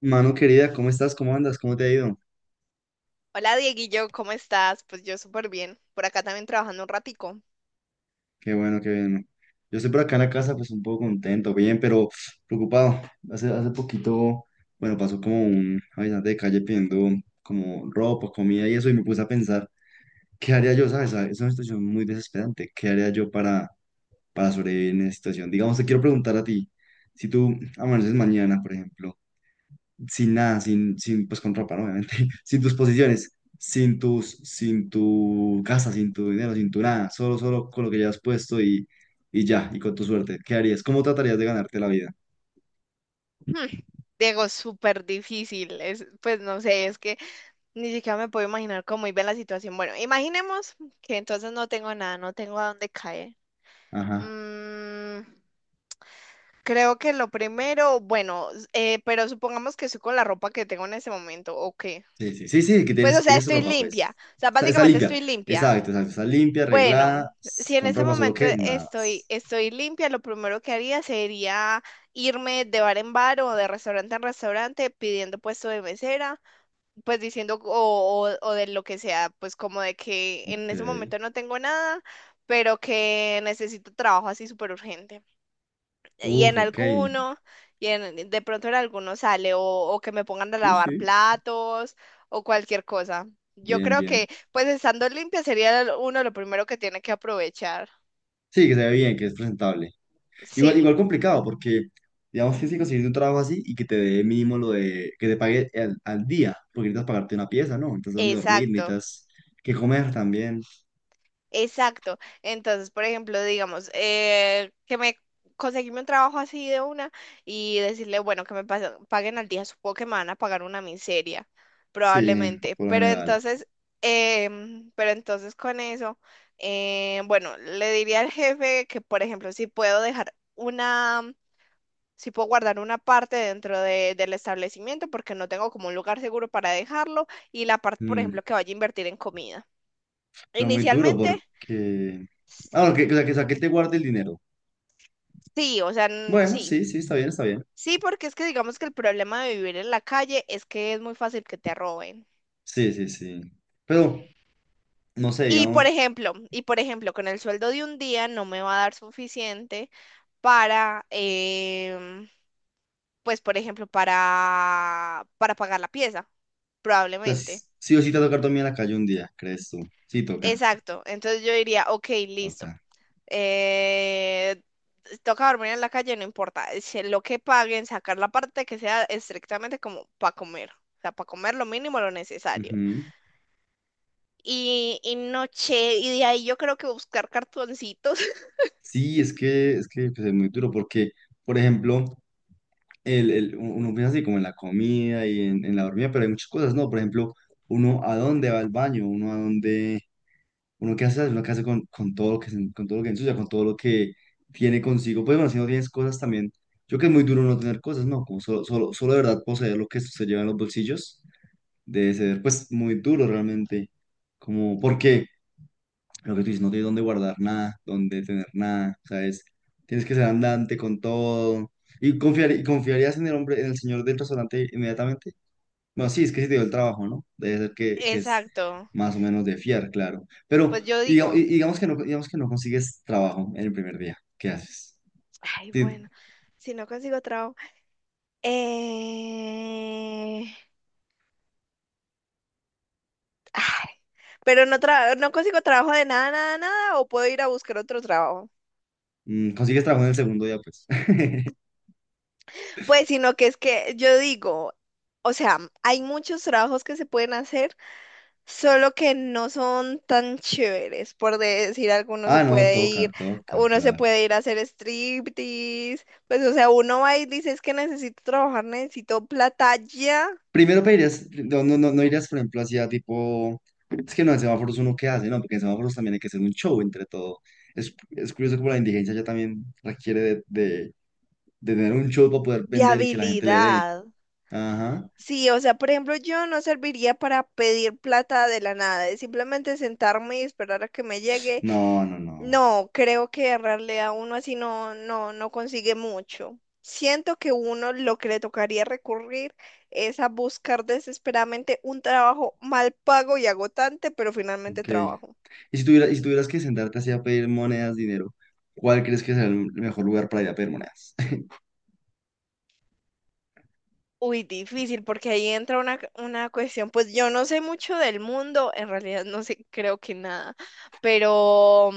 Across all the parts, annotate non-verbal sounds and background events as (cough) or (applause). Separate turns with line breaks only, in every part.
Mano querida, ¿cómo estás? ¿Cómo andas? ¿Cómo te ha ido?
Hola Dieguillo, ¿cómo estás? Pues yo súper bien. Por acá también trabajando un ratico.
Qué bueno, qué bien. Yo estoy por acá en la casa, pues un poco contento, bien, pero preocupado. Hace poquito, bueno, pasó como un habitante de calle pidiendo como ropa, comida y eso, y me puse a pensar, ¿qué haría yo? ¿Sabes? Es una situación muy desesperante. ¿Qué haría yo para sobrevivir en esa situación? Digamos, te quiero preguntar a ti, si tú amaneces mañana, por ejemplo, sin nada, sin, sin, pues con ropa, ¿no? Obviamente, (laughs) sin tus posiciones, sin tu casa, sin tu dinero, sin tu nada, solo con lo que ya has puesto, y ya, y con tu suerte. ¿Qué harías? ¿Cómo tratarías de ganarte la vida?
Hmm, Diego, súper difícil. Es, pues no sé, es que ni siquiera me puedo imaginar cómo iba la situación. Bueno, imaginemos que entonces no tengo nada, no tengo a dónde caer.
Ajá.
Mm, creo que lo primero, bueno, pero supongamos que estoy con la ropa que tengo en ese momento, ¿o qué?
Sí, sí, sí, sí, que
Pues o sea,
tienes
estoy
ropa, pues.
limpia. O sea,
Está
básicamente
limpia.
estoy limpia.
Exacto, exacto. Está limpia,
Bueno,
arreglada,
si en
con
ese
ropa, solo
momento
que nada
estoy,
más.
estoy limpia, lo primero que haría sería irme de bar en bar o de restaurante en restaurante pidiendo puesto de mesera, pues diciendo o de lo que sea, pues como de que en
Ok.
ese momento no tengo nada, pero que necesito trabajo así súper urgente y
Uf,
en
ok.
alguno, de pronto en alguno sale, o que me pongan a
Sí,
lavar
sí.
platos, o cualquier cosa. Yo
Bien,
creo que,
bien.
pues estando limpia sería uno lo primero que tiene que aprovechar.
Sí, que se ve bien, que es presentable. Igual,
Sí,
igual complicado, porque digamos que si consigues un trabajo así y que te dé mínimo lo de que te pague al día, porque necesitas pagarte una pieza, ¿no? Necesitas dónde dormir,
exacto.
necesitas que comer también.
Exacto. Entonces, por ejemplo, digamos, que me conseguirme un trabajo así de una y decirle, bueno, que me paguen al día, supongo que me van a pagar una miseria,
Sí,
probablemente.
por lo
Pero
general.
entonces, pero entonces con eso, bueno, le diría al jefe que, por ejemplo, si puedo dejar una, si puedo guardar una parte dentro del establecimiento porque no tengo como un lugar seguro para dejarlo y la parte, por
Mm,
ejemplo, que vaya a invertir en comida.
pero muy duro
Inicialmente.
porque. Ah, bueno, que, o sea, que te guarde el dinero. Bueno,
Sí.
sí, sí, está bien, está bien.
Sí, porque es que digamos que el problema de vivir en la calle es que es muy fácil que te roben.
Sí, sí, sí. Pero, no sé,
Y por
digamos, o
ejemplo, y por ejemplo, con el sueldo de un día no me va a dar suficiente para, em, pues por ejemplo, para pagar la pieza,
sea,
probablemente.
sí, sí o sí te va a tocar dormir en la calle un día, ¿crees tú? Sí, toca,
Exacto. Entonces yo diría, ok, listo.
toca.
Eh, toca dormir en la calle, no importa. Es que Lo que paguen, sacar la parte que sea estrictamente como para comer. O sea, para comer lo mínimo, lo necesario.
Ujú.
Y noche, y de ahí yo creo que buscar cartoncitos. (laughs)
Sí, es que pues, es muy duro porque, por ejemplo, uno piensa así como en la comida y en la dormida, pero hay muchas cosas, ¿no? Por ejemplo, uno a dónde va al baño, uno a dónde, uno qué hace con todo lo que, con todo lo que ensucia, con todo lo que tiene consigo. Pues bueno, si no tienes cosas también, yo creo que es muy duro no tener cosas, ¿no? Como solo de verdad poseer lo que se lleva en los bolsillos, debe ser pues muy duro realmente. Como, porque lo que tú dices, no tienes dónde guardar nada, dónde tener nada, ¿sabes? Tienes que ser andante con todo. ¿Y, confiar, y confiarías en el hombre, en el señor del restaurante inmediatamente? Bueno, sí, es que sí te dio el trabajo, ¿no? Debe ser que es
Exacto.
más o menos de fiar, claro. Pero
Pues yo digo,
digamos que no consigues trabajo en el primer día. ¿Qué haces?
ay,
Ti-
bueno, si no consigo trabajo. Eh... Ay, pero no, no consigo trabajo de nada, nada, nada, o puedo ir a buscar otro trabajo.
mm, consigues trabajo en el segundo día, pues. (laughs)
Pues sino que es que yo digo, o sea, hay muchos trabajos que se pueden hacer. Solo que no son tan chéveres, por decir algo, uno se
Ah, no,
puede
toca,
ir,
toca,
uno se
claro.
puede ir a hacer striptease, pues o sea, uno va y dice es que necesito trabajar, necesito plata ya.
Primero pedirías, no, no, no, no irías, por ejemplo, hacia tipo, es que no, en semáforos uno qué hace, ¿no? Porque en semáforos también hay que hacer un show entre todo. Es curioso como la indigencia ya también requiere de tener un show para poder
De
vender y que la gente le dé.
habilidad.
Ajá.
Sí, o sea, por ejemplo, yo no serviría para pedir plata de la nada, es simplemente sentarme y esperar a que me llegue.
No, no, no.
No, creo que en realidad uno así no, no, no consigue mucho. Siento que uno lo que le tocaría recurrir es a buscar desesperadamente un trabajo mal pago y agotante, pero finalmente
Ok.
trabajo.
Y si tuvieras que sentarte así a pedir monedas, dinero, ¿cuál crees que es el mejor lugar para ir a pedir monedas? (laughs)
Uy, difícil, porque ahí entra una cuestión. Pues yo no sé mucho del mundo, en realidad no sé, creo que nada, pero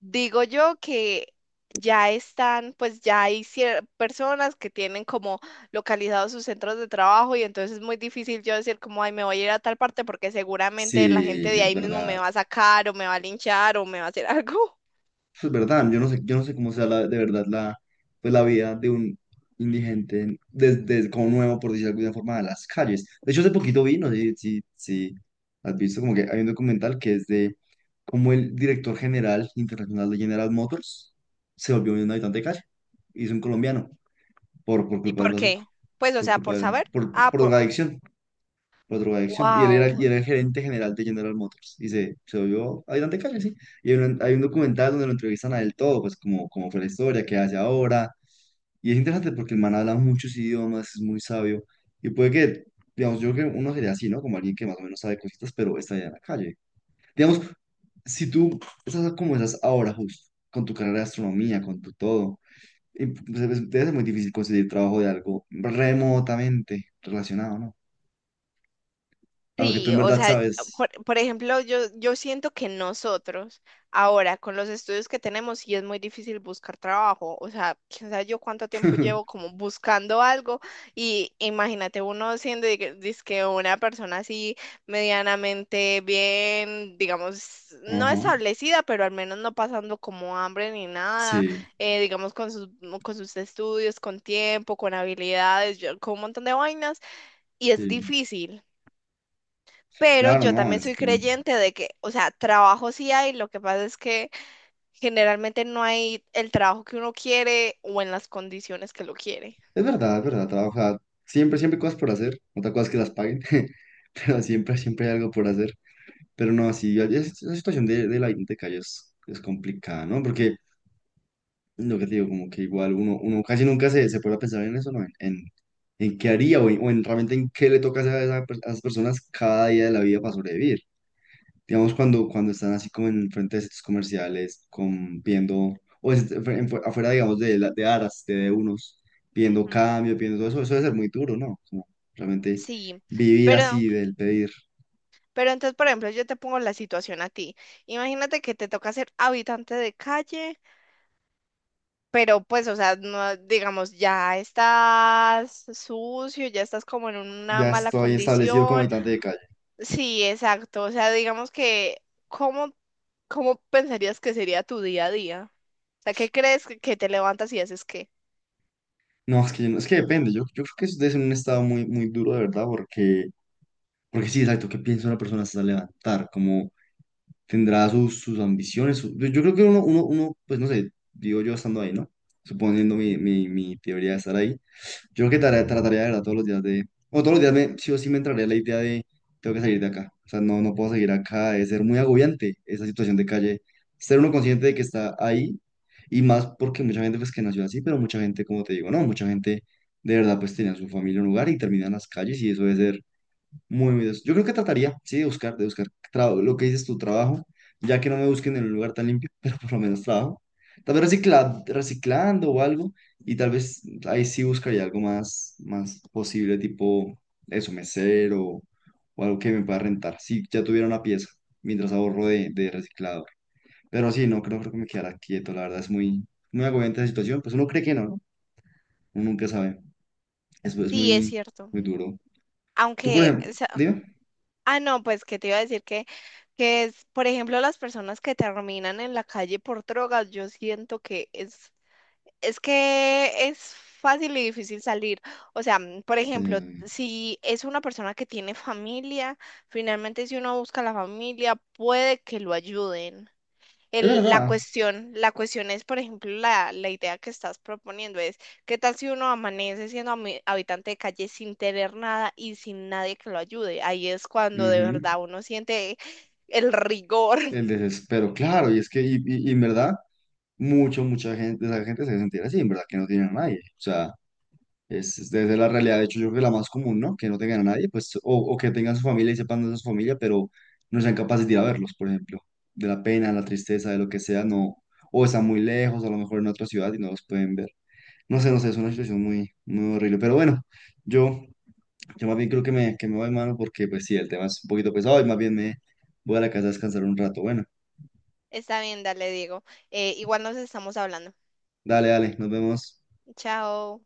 digo yo que ya están, pues ya hay personas que tienen como localizados sus centros de trabajo y entonces es muy difícil yo decir como, ay, me voy a ir a tal parte porque seguramente la gente
Sí,
de
es
ahí mismo me
verdad.
va a sacar o me va a linchar o me va a hacer (laughs) algo.
Eso es verdad, yo no sé cómo sea la, de verdad la, pues la vida de un indigente desde como nuevo, por decirlo de alguna forma, de las calles. De hecho, hace poquito vi, no sé si has visto, como que hay un documental que es de cómo el director general internacional de General Motors se volvió un habitante de calle. Y es un colombiano por
¿Y
culpa del
por
bazuco,
qué? Pues, o sea, por saber. Ah,
por
por...
drogadicción, por adicción. Y él era, y
Wow.
era el gerente general de General Motors. Se volvió ayudante de calle, sí. Hay un documental donde lo entrevistan a él todo, pues como, como fue la historia, qué hace ahora. Y es interesante porque el man habla muchos idiomas, es muy sabio. Y puede que, digamos, yo creo que uno sería así, ¿no? Como alguien que más o menos sabe cositas, pero está allá en la calle. Digamos, si tú estás como estás ahora justo, con tu carrera de astronomía, con tu todo, y, pues, debe ser muy difícil conseguir trabajo de algo remotamente relacionado, ¿no? A lo que tú
Sí,
en
o
verdad
sea,
sabes.
por ejemplo, yo siento que nosotros ahora con los estudios que tenemos sí es muy difícil buscar trabajo, o sea, quién sabe yo cuánto tiempo llevo
(laughs)
como buscando algo, y imagínate uno siendo dizque una persona así medianamente bien, digamos, no
Ajá,
establecida, pero al menos no pasando como hambre ni nada,
sí,
digamos con sus estudios, con tiempo, con habilidades, con un montón de vainas y es
sí,
difícil. Pero
claro,
yo
no,
también
es
soy
que
creyente de que, o sea, trabajo sí hay, lo que pasa es que generalmente no hay el trabajo que uno quiere o en las condiciones que lo quiere.
es verdad, trabaja, siempre, siempre hay cosas por hacer, otra cosa es que las paguen, (laughs) pero siempre, siempre hay algo por hacer, pero no, sí, esa situación de la hipoteca ya es complicada, ¿no? Porque lo que te digo, como que igual uno, uno casi nunca se puede pensar en eso, ¿no? En qué haría o en realmente en qué le toca hacer a, a esas personas cada día de la vida para sobrevivir. Digamos, cuando, cuando están así como en frente de centros comerciales, con, viendo, afuera, digamos, de aras, de unos, viendo
Ujú.
cambio, viendo todo eso, eso debe ser muy duro, ¿no? Como realmente
Sí,
vivir
pero,
así del pedir.
pero entonces, por ejemplo, yo te pongo la situación a ti. Imagínate que te toca ser habitante de calle, pero pues, o sea, no, digamos, ya estás sucio, ya estás como en una
Ya
mala
estoy establecido como
condición.
habitante de calle.
Sí, exacto. O sea, digamos que, ¿cómo, cómo pensarías que sería tu día a día? O sea, ¿qué crees que te levantas y haces qué?
No, es que, yo no- es que depende. Yo creo que eso debe ser un estado muy, muy duro, de verdad, porque, porque sí, exacto, ¿qué piensa una persona hasta levantar? Tendrá sus, sus ambiciones. Yo creo que uno, uno, uno, pues no sé, digo yo estando ahí, ¿no? Suponiendo mi, mi, mi teoría de estar ahí, yo creo que trataría de verdad todos los días de, o todos los días me, sí o sí me entraría la idea de, tengo que salir de acá. O sea, no, no puedo seguir acá, es ser muy agobiante esa situación de calle, ser uno consciente de que está ahí y más porque mucha gente pues que nació así, pero mucha gente, como te digo, no, mucha gente de verdad pues tenía su familia en un lugar y termina en las calles y eso debe ser muy humildes. Yo creo que trataría, sí, de buscar lo que dices tu trabajo, ya que no me busquen en un lugar tan limpio, (laughs) pero por lo menos trabajo. Tal vez reciclando o algo, y tal vez ahí sí buscaría algo más, más posible, tipo eso, mesero o algo que me pueda rentar. Si ya tuviera una pieza, mientras ahorro de reciclado. Pero sí, no creo, creo que me quedara quieto, la verdad es muy, muy agobiante la situación. Pues uno cree que no, ¿no? Uno nunca sabe. Eso es
Sí, es
muy,
cierto.
muy duro. Tú, por
Aunque,
ejemplo,
o sea,
dime.
ah, no, pues que te iba a decir que es, por ejemplo, las personas que terminan en la calle por drogas, yo siento que es que es fácil y difícil salir. O sea, mm, por ejemplo,
Sí.
si es una persona que tiene familia, finalmente si uno busca a la familia, puede que lo ayuden.
Es
La
verdad.
cuestión, la cuestión es, por ejemplo, la idea que estás proponiendo es, ¿qué tal si uno amanece siendo habitante de calle sin tener nada y sin nadie que lo ayude? Ahí es cuando de
Ujú.
verdad uno siente el rigor.
El
(laughs)
desespero, claro, y es que, y en verdad, mucha, mucha gente, esa gente se sentirá así, en verdad, que no tienen a nadie. O sea, es, debe ser la realidad, de hecho, yo creo que la más común, ¿no? Que no tengan a nadie, pues, o que tengan su familia y sepan de su familia, pero no sean capaces de ir a verlos, por ejemplo, de la pena, la tristeza, de lo que sea, no, o están muy lejos, a lo mejor en otra ciudad y no los pueden ver. No sé, no sé, es una situación muy, muy horrible, pero bueno, yo Yo más bien creo que que me voy, mano, porque pues sí, el tema es un poquito pesado y más bien me voy a la casa a descansar un rato. Bueno,
Está bien, dale, Diego. Igual nos estamos hablando.
dale, dale, nos vemos.
Chao.